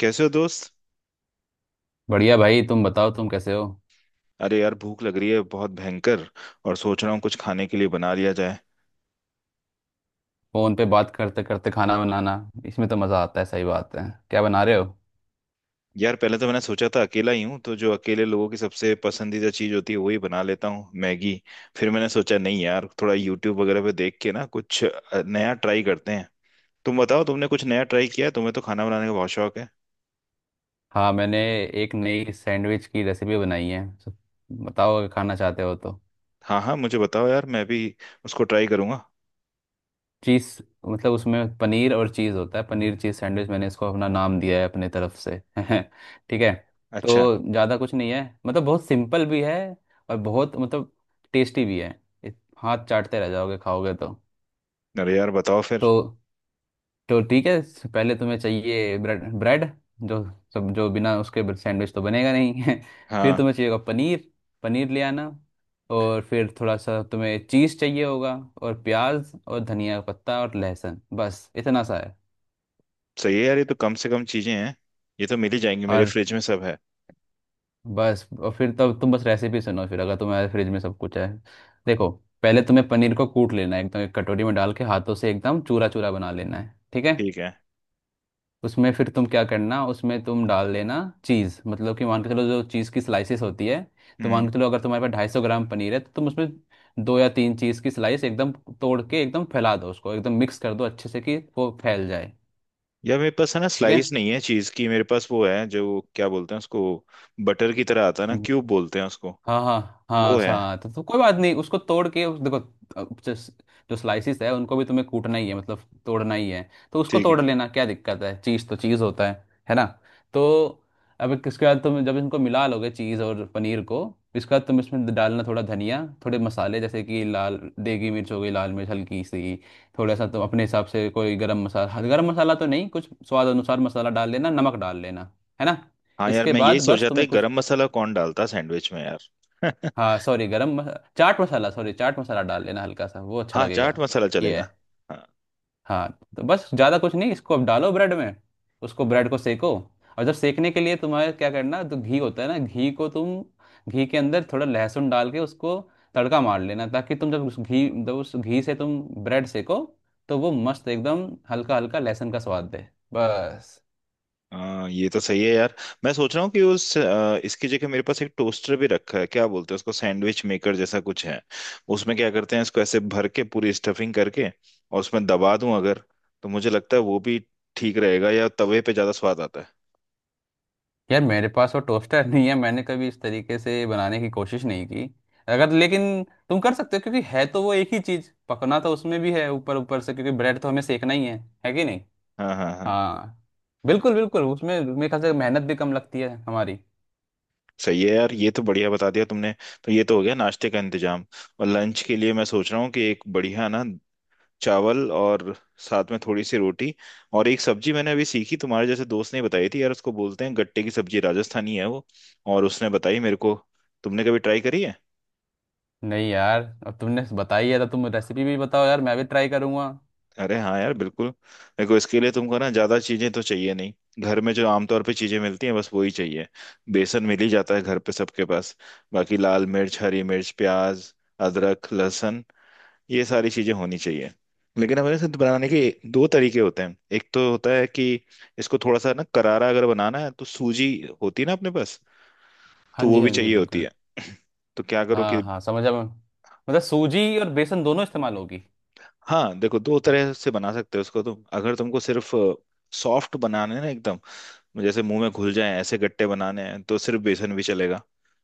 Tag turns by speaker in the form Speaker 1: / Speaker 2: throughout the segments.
Speaker 1: कैसे हो दोस्त?
Speaker 2: बढ़िया भाई। तुम बताओ, तुम कैसे हो?
Speaker 1: अरे यार, भूख लग रही है बहुत भयंकर। और सोच रहा हूँ कुछ खाने के लिए बना लिया जाए।
Speaker 2: फोन पे बात करते करते खाना बनाना, इसमें तो मज़ा आता है। सही बात है। क्या बना रहे हो?
Speaker 1: यार पहले तो मैंने सोचा था अकेला ही हूँ तो जो अकेले लोगों की सबसे पसंदीदा चीज़ होती है वही बना लेता हूँ, मैगी। फिर मैंने सोचा नहीं यार, थोड़ा यूट्यूब वगैरह पे देख के ना कुछ नया ट्राई करते हैं। तुम बताओ, तुमने कुछ नया ट्राई किया है? तुम्हें तो खाना बनाने का बहुत शौक है।
Speaker 2: हाँ, मैंने एक नई सैंडविच की रेसिपी बनाई है। बताओ अगर खाना चाहते हो तो।
Speaker 1: हाँ हाँ, मुझे बताओ यार, मैं भी उसको ट्राई करूंगा।
Speaker 2: चीज़, मतलब उसमें पनीर और चीज़ होता है। पनीर चीज़ सैंडविच, मैंने इसको अपना नाम दिया है अपने तरफ से ठीक है।
Speaker 1: अच्छा।
Speaker 2: तो ज़्यादा कुछ नहीं है, मतलब बहुत सिंपल भी है। और बहुत मतलब टेस्टी भी है। हाथ चाटते रह जाओगे खाओगे तो।
Speaker 1: अरे यार बताओ फिर।
Speaker 2: तो तो ठीक है। पहले तुम्हें चाहिए ब्रेड। जो जो बिना उसके सैंडविच तो बनेगा नहीं फिर
Speaker 1: हाँ।
Speaker 2: तुम्हें चाहिए होगा पनीर। पनीर ले आना। और फिर थोड़ा सा तुम्हें चीज़ चाहिए होगा। और प्याज और धनिया का पत्ता और लहसुन, बस इतना सा है।
Speaker 1: सही है यार, ये तो कम से कम चीज़ें हैं। ये तो मिल ही जाएंगी, मेरे
Speaker 2: और
Speaker 1: फ्रिज में सब है।
Speaker 2: बस, और फिर तब तुम बस रेसिपी सुनो, फिर अगर तुम्हारे फ्रिज में सब कुछ है। देखो, पहले तुम्हें पनीर को कूट लेना है एकदम, एक कटोरी में डाल के हाथों से एकदम चूरा चूरा बना लेना है। ठीक है।
Speaker 1: ठीक है।
Speaker 2: उसमें फिर तुम क्या करना, उसमें तुम डाल देना चीज़, मतलब कि मान के चलो जो चीज़ की स्लाइसेस होती है। तो
Speaker 1: हम्म।
Speaker 2: मान के चलो अगर तुम्हारे पास 250 ग्राम पनीर है तो तुम उसमें दो या तीन चीज़ की स्लाइस एकदम तोड़ के एकदम फैला दो उसको, एकदम मिक्स कर दो अच्छे से कि वो फैल जाए।
Speaker 1: यार मेरे पास है ना,
Speaker 2: ठीक
Speaker 1: स्लाइस नहीं है चीज की, मेरे पास वो है जो क्या बोलते हैं उसको, बटर की तरह आता है ना, क्यूब
Speaker 2: है।
Speaker 1: बोलते हैं उसको।
Speaker 2: हाँ हाँ
Speaker 1: वो
Speaker 2: हाँ,
Speaker 1: है।
Speaker 2: सा तो कोई बात नहीं, उसको तोड़ के देखो अब जो स्लाइसिस है उनको भी तुम्हें कूटना ही है, मतलब तोड़ना ही है, तो उसको
Speaker 1: ठीक है।
Speaker 2: तोड़ लेना, क्या दिक्कत है? चीज़ तो चीज़ होता है ना? तो अब एक, इसके बाद तुम जब इनको मिला लोगे चीज़ और पनीर को, इसके बाद तुम इसमें डालना थोड़ा धनिया, थोड़े मसाले, जैसे कि लाल देगी मिर्च हो गई, लाल मिर्च हल्की सी। थोड़ा सा तुम अपने हिसाब से कोई गरम मसाला, गरम मसाला तो नहीं, कुछ स्वाद अनुसार मसाला डाल लेना, नमक डाल लेना, है ना?
Speaker 1: हाँ यार,
Speaker 2: इसके
Speaker 1: मैं यही
Speaker 2: बाद
Speaker 1: सोच
Speaker 2: बस
Speaker 1: रहा था कि
Speaker 2: तुम्हें कुछ,
Speaker 1: गरम मसाला कौन डालता है सैंडविच में यार
Speaker 2: हाँ सॉरी, चाट मसाला, सॉरी, चाट मसाला डाल लेना हल्का सा, वो अच्छा
Speaker 1: हाँ, चाट
Speaker 2: लगेगा।
Speaker 1: मसाला
Speaker 2: ये है।
Speaker 1: चलेगा। हाँ
Speaker 2: हाँ। तो बस ज़्यादा कुछ नहीं, इसको अब डालो ब्रेड में, उसको ब्रेड को सेको। और जब सेकने के लिए तुम्हारे क्या करना, तो घी होता है ना, घी को तुम घी के अंदर थोड़ा लहसुन डाल के उसको तड़का मार लेना, ताकि तुम जब उस घी, से तुम ब्रेड सेको तो वो मस्त एकदम हल्का हल्का लहसुन का स्वाद दे। बस।
Speaker 1: हाँ, ये तो सही है यार। मैं सोच रहा हूँ कि उस इसकी जगह मेरे पास एक टोस्टर भी रखा है, क्या बोलते हैं उसको, सैंडविच मेकर जैसा कुछ है। उसमें क्या करते हैं, इसको ऐसे भर के पूरी स्टफिंग करके और उसमें दबा दूं अगर, तो मुझे लगता है वो भी ठीक रहेगा। या तवे पे ज्यादा स्वाद आता है?
Speaker 2: यार मेरे पास वो टोस्टर नहीं है, मैंने कभी इस तरीके से बनाने की कोशिश नहीं की। अगर, लेकिन तुम कर सकते हो, क्योंकि है तो वो एक ही चीज, पकना तो उसमें भी है ऊपर ऊपर से, क्योंकि ब्रेड तो हमें सेकना ही है कि नहीं?
Speaker 1: हाँ हाँ हाँ।
Speaker 2: हाँ। बिल्कुल बिल्कुल, उसमें मेरे ख्याल से मेहनत भी कम लगती है हमारी।
Speaker 1: सही है यार, ये तो बढ़िया बता दिया तुमने। तो ये तो हो गया नाश्ते का इंतजाम। और लंच के लिए मैं सोच रहा हूँ कि एक बढ़िया ना, चावल और साथ में थोड़ी सी रोटी और एक सब्जी मैंने अभी सीखी, तुम्हारे जैसे दोस्त ने बताई थी यार, उसको बोलते हैं गट्टे की सब्जी, राजस्थानी है वो। और उसने बताई मेरे को। तुमने कभी ट्राई करी है?
Speaker 2: नहीं यार, अब तुमने बताई है तो तुम रेसिपी भी बताओ यार, मैं भी ट्राई करूंगा।
Speaker 1: अरे हाँ यार, बिल्कुल। देखो, इसके लिए तुमको ना ज्यादा चीजें तो चाहिए नहीं। घर में जो आमतौर पे चीजें मिलती हैं बस वही चाहिए। बेसन मिल ही जाता है घर पे सबके पास। बाकी लाल मिर्च, हरी मिर्च, प्याज, अदरक, लहसुन, ये सारी चीजें होनी चाहिए। लेकिन हमें इसे बनाने के दो तरीके होते हैं। एक तो होता है कि इसको थोड़ा सा ना करारा अगर बनाना है तो सूजी होती है ना अपने पास,
Speaker 2: हाँ
Speaker 1: तो वो
Speaker 2: जी
Speaker 1: भी
Speaker 2: हाँ जी,
Speaker 1: चाहिए होती
Speaker 2: बिल्कुल।
Speaker 1: है। तो क्या करो कि,
Speaker 2: हाँ हाँ, समझा मैं, मतलब सूजी और बेसन दोनों इस्तेमाल होगी।
Speaker 1: हाँ देखो, दो तरह से बना सकते हो उसको। तुम अगर तुमको सिर्फ सॉफ्ट बनाना है ना एकदम, जैसे मुंह में घुल जाए ऐसे गट्टे बनाने हैं, तो सिर्फ बेसन भी चलेगा।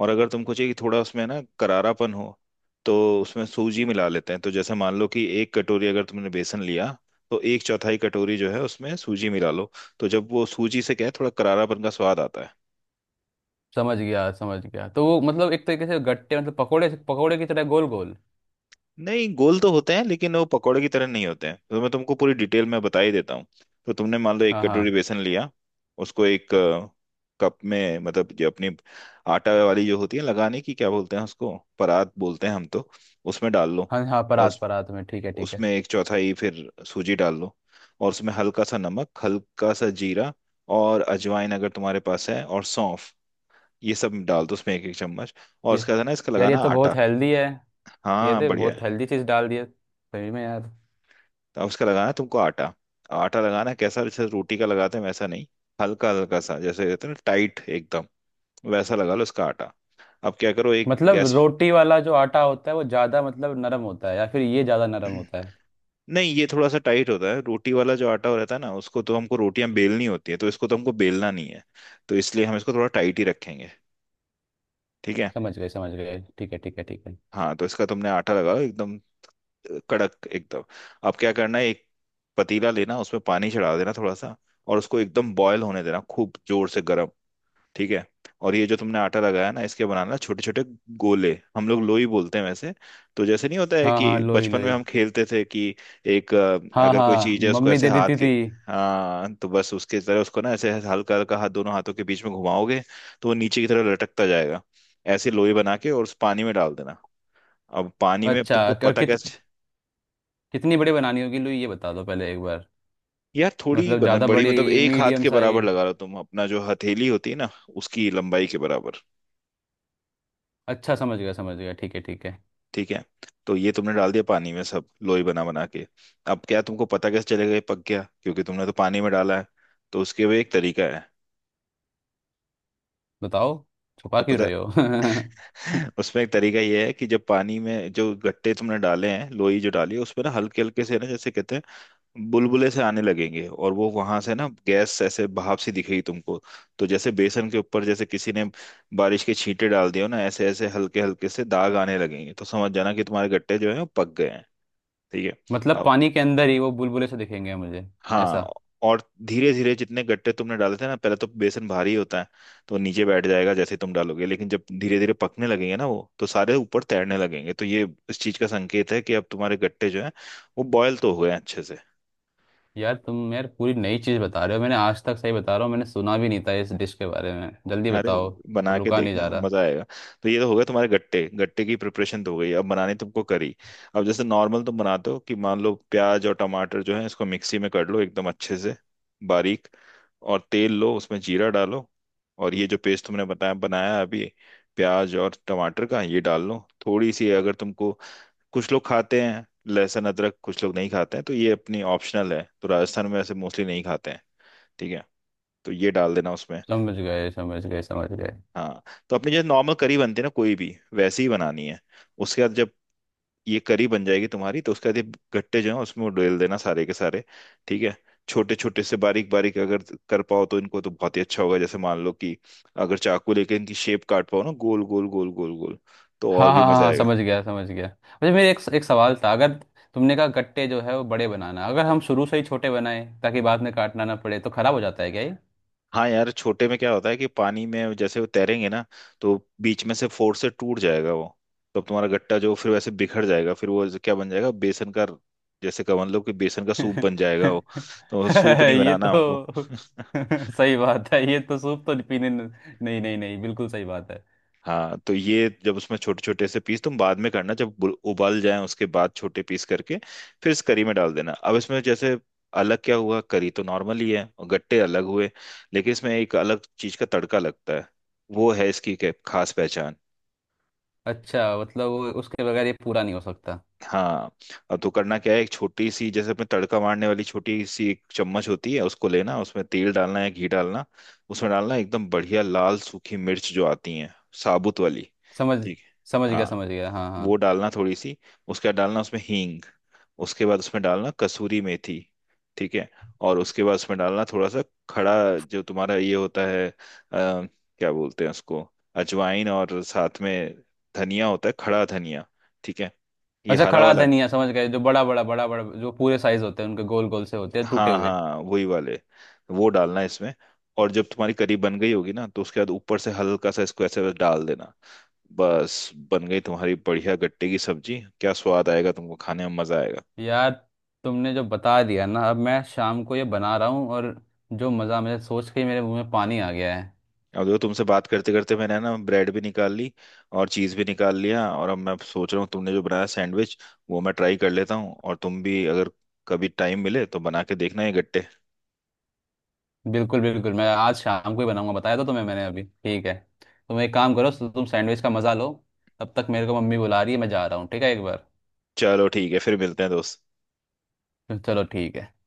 Speaker 1: और अगर तुमको चाहिए कि थोड़ा उसमें ना करारापन हो, तो उसमें सूजी मिला लेते हैं। तो जैसे मान लो कि एक कटोरी अगर तुमने बेसन लिया, तो एक चौथाई कटोरी जो है उसमें सूजी मिला लो। तो जब वो सूजी से क्या है, थोड़ा करारापन का स्वाद आता है।
Speaker 2: समझ गया समझ गया, तो वो मतलब एक तरीके से गट्टे मतलब पकोड़े पकोड़े की तरह गोल गोल।
Speaker 1: नहीं, गोल तो होते हैं लेकिन वो पकौड़े की तरह नहीं होते हैं। तो मैं तुमको पूरी डिटेल में बता ही देता हूँ। तो तुमने मान लो एक
Speaker 2: हाँ
Speaker 1: कटोरी
Speaker 2: हाँ
Speaker 1: बेसन लिया, उसको एक कप में, मतलब जो अपनी आटा वाली जो होती है लगाने की, क्या बोलते हैं उसको, परात बोलते हैं हम तो, उसमें डाल लो।
Speaker 2: हाँ हाँ,
Speaker 1: और
Speaker 2: परात, परात में, ठीक है ठीक है।
Speaker 1: उसमें एक चौथाई फिर सूजी डाल लो। और उसमें हल्का सा नमक, हल्का सा जीरा, और अजवाइन अगर तुम्हारे पास है, और सौंफ, ये सब डाल दो उसमें एक एक चम्मच। और
Speaker 2: ये,
Speaker 1: उसके बाद है ना इसका
Speaker 2: यार ये
Speaker 1: लगाना
Speaker 2: तो
Speaker 1: आटा।
Speaker 2: बहुत हेल्दी है। ये
Speaker 1: हाँ
Speaker 2: तो
Speaker 1: बढ़िया।
Speaker 2: बहुत हेल्दी चीज़ डाल दी है सही में यार।
Speaker 1: तो अब उसका लगाना है तुमको आटा। आटा लगाना है कैसा, जैसे रोटी का लगाते हैं वैसा नहीं। हल्का हल्का सा, जैसे कहते हैं ना टाइट एकदम, वैसा लगा लो उसका आटा। अब क्या करो एक
Speaker 2: मतलब
Speaker 1: गैस।
Speaker 2: रोटी वाला जो आटा होता है वो ज़्यादा मतलब नरम होता है, या फिर ये ज़्यादा नरम होता है?
Speaker 1: नहीं, ये थोड़ा सा टाइट होता है। रोटी वाला जो आटा रहता है ना, उसको तो हमको रोटियां बेलनी होती है, तो इसको तो हमको बेलना नहीं है, तो इसलिए हम इसको थोड़ा टाइट ही रखेंगे। ठीक है।
Speaker 2: समझ गए समझ गए, ठीक है ठीक है ठीक है।
Speaker 1: हाँ, तो इसका तुमने आटा लगाओ एकदम कड़क एकदम। अब क्या करना है, एक पतीला लेना, उसमें पानी चढ़ा देना थोड़ा सा, और उसको एकदम बॉयल होने देना, खूब जोर से गर्म। ठीक है। और ये जो तुमने आटा लगाया ना, इसके बनाना छोटे छोटे गोले, हम लोग लोई बोलते हैं वैसे। तो जैसे नहीं होता है
Speaker 2: हाँ
Speaker 1: कि
Speaker 2: हाँ, लोई
Speaker 1: बचपन में
Speaker 2: लोई।
Speaker 1: हम खेलते थे कि एक
Speaker 2: हाँ
Speaker 1: अगर कोई
Speaker 2: हाँ,
Speaker 1: चीज है उसको
Speaker 2: मम्मी
Speaker 1: ऐसे
Speaker 2: दे
Speaker 1: हाथ
Speaker 2: देती
Speaker 1: के,
Speaker 2: थी।
Speaker 1: हाँ तो बस उसके तरह उसको ना ऐसे हल्का हल्का हाथ दोनों हाथों के बीच में घुमाओगे तो वो नीचे की तरफ लटकता जाएगा। ऐसे लोई बना के और उस पानी में डाल देना। अब पानी में
Speaker 2: अच्छा,
Speaker 1: तुमको
Speaker 2: क-
Speaker 1: पता
Speaker 2: कित
Speaker 1: कैसे।
Speaker 2: कितनी बड़ी बनानी होगी लोई, ये बता दो पहले एक बार।
Speaker 1: यार थोड़ी
Speaker 2: मतलब
Speaker 1: बना
Speaker 2: ज़्यादा
Speaker 1: बड़ी, मतलब
Speaker 2: बड़ी,
Speaker 1: एक हाथ
Speaker 2: मीडियम
Speaker 1: के बराबर
Speaker 2: साइड?
Speaker 1: लगा लो, तुम अपना जो हथेली होती है ना, उसकी लंबाई के बराबर।
Speaker 2: अच्छा, समझ गया समझ गया, ठीक है ठीक है।
Speaker 1: ठीक है। तो ये तुमने डाल दिया पानी में सब लोई बना बना के। अब क्या, तुमको पता कैसे चलेगा ये पक गया, क्योंकि तुमने तो पानी में डाला है, तो उसके भी एक तरीका है।
Speaker 2: बताओ, छुपा
Speaker 1: तो
Speaker 2: क्यों
Speaker 1: पता
Speaker 2: रहे हो?
Speaker 1: उसमें एक तरीका ये है कि जब पानी में जो गट्टे तुमने डाले हैं, लोई जो डाली है, उसमें ना हल्के हल्के से ना, जैसे कहते हैं बुलबुले से आने लगेंगे, और वो वहां से ना गैस ऐसे भाप सी दिखेगी तुमको। तो जैसे बेसन के ऊपर जैसे किसी ने बारिश के छींटे डाल दिए हो ना, ऐसे ऐसे हल्के हल्के से दाग आने लगेंगे, तो समझ जाना कि तुम्हारे गट्टे जो है वो पक गए हैं। ठीक है।
Speaker 2: मतलब
Speaker 1: अब
Speaker 2: पानी के अंदर ही वो बुलबुले से दिखेंगे मुझे,
Speaker 1: हाँ।
Speaker 2: ऐसा?
Speaker 1: और धीरे धीरे जितने गट्टे तुमने डाले थे ना, पहले तो बेसन भारी होता है तो वो नीचे बैठ जाएगा जैसे तुम डालोगे, लेकिन जब धीरे धीरे पकने लगेंगे ना वो, तो सारे ऊपर तैरने लगेंगे, तो ये इस चीज का संकेत है कि अब तुम्हारे गट्टे जो हैं वो बॉयल तो हुए हैं अच्छे से।
Speaker 2: यार तुम यार पूरी नई चीज़ बता रहे हो, मैंने आज तक, सही बता रहा हूँ, मैंने सुना भी नहीं था इस डिश के बारे में, जल्दी
Speaker 1: अरे
Speaker 2: बताओ। अब
Speaker 1: बना के
Speaker 2: रुका नहीं
Speaker 1: देखना,
Speaker 2: जा रहा।
Speaker 1: मजा आएगा। तो ये तो हो गया तुम्हारे गट्टे, गट्टे की प्रिपरेशन तो हो गई, अब बनानी तुमको करी। अब जैसे नॉर्मल तुम बनाते हो, कि मान लो प्याज और टमाटर जो है इसको मिक्सी में कर लो एकदम अच्छे से बारीक, और तेल लो उसमें जीरा डालो, और ये जो पेस्ट तुमने बताया बनाया अभी, प्याज और टमाटर का, ये डाल लो। थोड़ी सी अगर तुमको, कुछ लोग खाते हैं लहसुन अदरक, कुछ लोग नहीं खाते हैं, तो ये अपनी ऑप्शनल है। तो राजस्थान में ऐसे मोस्टली नहीं खाते हैं। ठीक है। तो ये डाल देना उसमें।
Speaker 2: समझ गए समझ गए समझ गए।
Speaker 1: हाँ। तो अपनी जैसे नॉर्मल करी बनती है ना कोई भी, वैसी ही बनानी है। उसके बाद जब ये करी बन जाएगी तुम्हारी, तो उसके बाद ये गट्टे जो है उसमें वो डाल देना सारे के सारे। ठीक है। छोटे छोटे से बारीक बारीक अगर कर पाओ तो इनको, तो बहुत ही अच्छा होगा। जैसे मान लो कि अगर चाकू लेके इनकी शेप काट पाओ ना, गोल गोल गोल गोल गोल, तो और
Speaker 2: हाँ
Speaker 1: भी
Speaker 2: हाँ हाँ
Speaker 1: मजा
Speaker 2: हाँ,
Speaker 1: आएगा।
Speaker 2: समझ गया समझ गया। मुझे, मेरे एक एक सवाल था। अगर तुमने कहा गट्टे जो है वो बड़े बनाना, अगर हम शुरू से ही छोटे बनाए ताकि बाद में काटना ना पड़े, तो खराब हो जाता है क्या ये?
Speaker 1: हाँ यार, छोटे में क्या होता है कि पानी में जैसे वो तैरेंगे ना, तो बीच में से फोर्स से टूट जाएगा वो। तो अब तुम्हारा गट्टा जो फिर वैसे बिखर जाएगा, फिर वो क्या बन जाएगा, बेसन का, जैसे का मतलब कि बेसन का सूप बन जाएगा वो। तो वो सूप नहीं
Speaker 2: ये
Speaker 1: बनाना हमको
Speaker 2: तो सही बात है, ये तो सूप तो पीने न- नहीं नहीं नहीं, बिल्कुल सही बात है।
Speaker 1: हाँ, तो ये जब उसमें छोटे छोटे से पीस तुम बाद में करना, जब उबल जाए उसके बाद छोटे पीस करके फिर इस करी में डाल देना। अब इसमें जैसे अलग क्या हुआ, करी तो नॉर्मल ही है और गट्टे अलग हुए, लेकिन इसमें एक अलग चीज का तड़का लगता है, वो है इसकी खास पहचान।
Speaker 2: अच्छा, मतलब वो उसके बगैर ये पूरा नहीं हो सकता।
Speaker 1: हाँ, अब तो करना क्या है, एक छोटी सी जैसे अपने तड़का मारने वाली छोटी सी एक चम्मच होती है, उसको लेना, उसमें तेल डालना है, घी डालना। उसमें डालना एकदम बढ़िया लाल सूखी मिर्च जो आती है, साबुत वाली।
Speaker 2: समझ
Speaker 1: ठीक है। हाँ।
Speaker 2: समझ गया हाँ
Speaker 1: वो
Speaker 2: हाँ।
Speaker 1: डालना थोड़ी सी। उसके बाद डालना उसमें हींग। उसके बाद उसमें डालना कसूरी मेथी। ठीक है। और उसके बाद उसमें डालना थोड़ा सा खड़ा, जो तुम्हारा ये होता है क्या बोलते हैं उसको, अजवाइन, और साथ में धनिया होता है, खड़ा धनिया। ठीक है। ये
Speaker 2: अच्छा,
Speaker 1: हरा
Speaker 2: खड़ा
Speaker 1: वाला।
Speaker 2: धनिया समझ गए, जो बड़ा बड़ा बड़ा बड़ा जो पूरे साइज होते हैं उनके गोल गोल से होते हैं टूटे
Speaker 1: हाँ
Speaker 2: हुए।
Speaker 1: हाँ वही वाले। वो डालना है इसमें। और जब तुम्हारी करी बन गई होगी ना, तो उसके बाद ऊपर से हल्का सा इसको ऐसे बस डाल देना। बस, बन गई तुम्हारी बढ़िया गट्टे की सब्जी, क्या स्वाद आएगा तुमको, खाने में मजा आएगा।
Speaker 2: यार, तुमने जो बता दिया ना, अब मैं शाम को ये बना रहा हूँ, और जो मज़ा, मुझे सोच के ही मेरे मुंह में पानी आ गया है।
Speaker 1: अब देखो, तुमसे बात करते करते मैंने ना ब्रेड भी निकाल ली, और चीज भी निकाल लिया, और अब मैं सोच रहा हूँ तुमने जो बनाया सैंडविच वो मैं ट्राई कर लेता हूँ। और तुम भी अगर कभी टाइम मिले तो बना के देखना ये गट्टे।
Speaker 2: बिल्कुल बिल्कुल, मैं आज शाम को ही बनाऊंगा, बताया तो तुम्हें मैंने अभी, ठीक है। तुम एक काम करो, तुम सैंडविच का मज़ा लो, तब तक मेरे को मम्मी बुला रही है, मैं जा रहा हूँ, ठीक है, एक बार।
Speaker 1: चलो ठीक है, फिर मिलते हैं दोस्त।
Speaker 2: चलो ठीक है।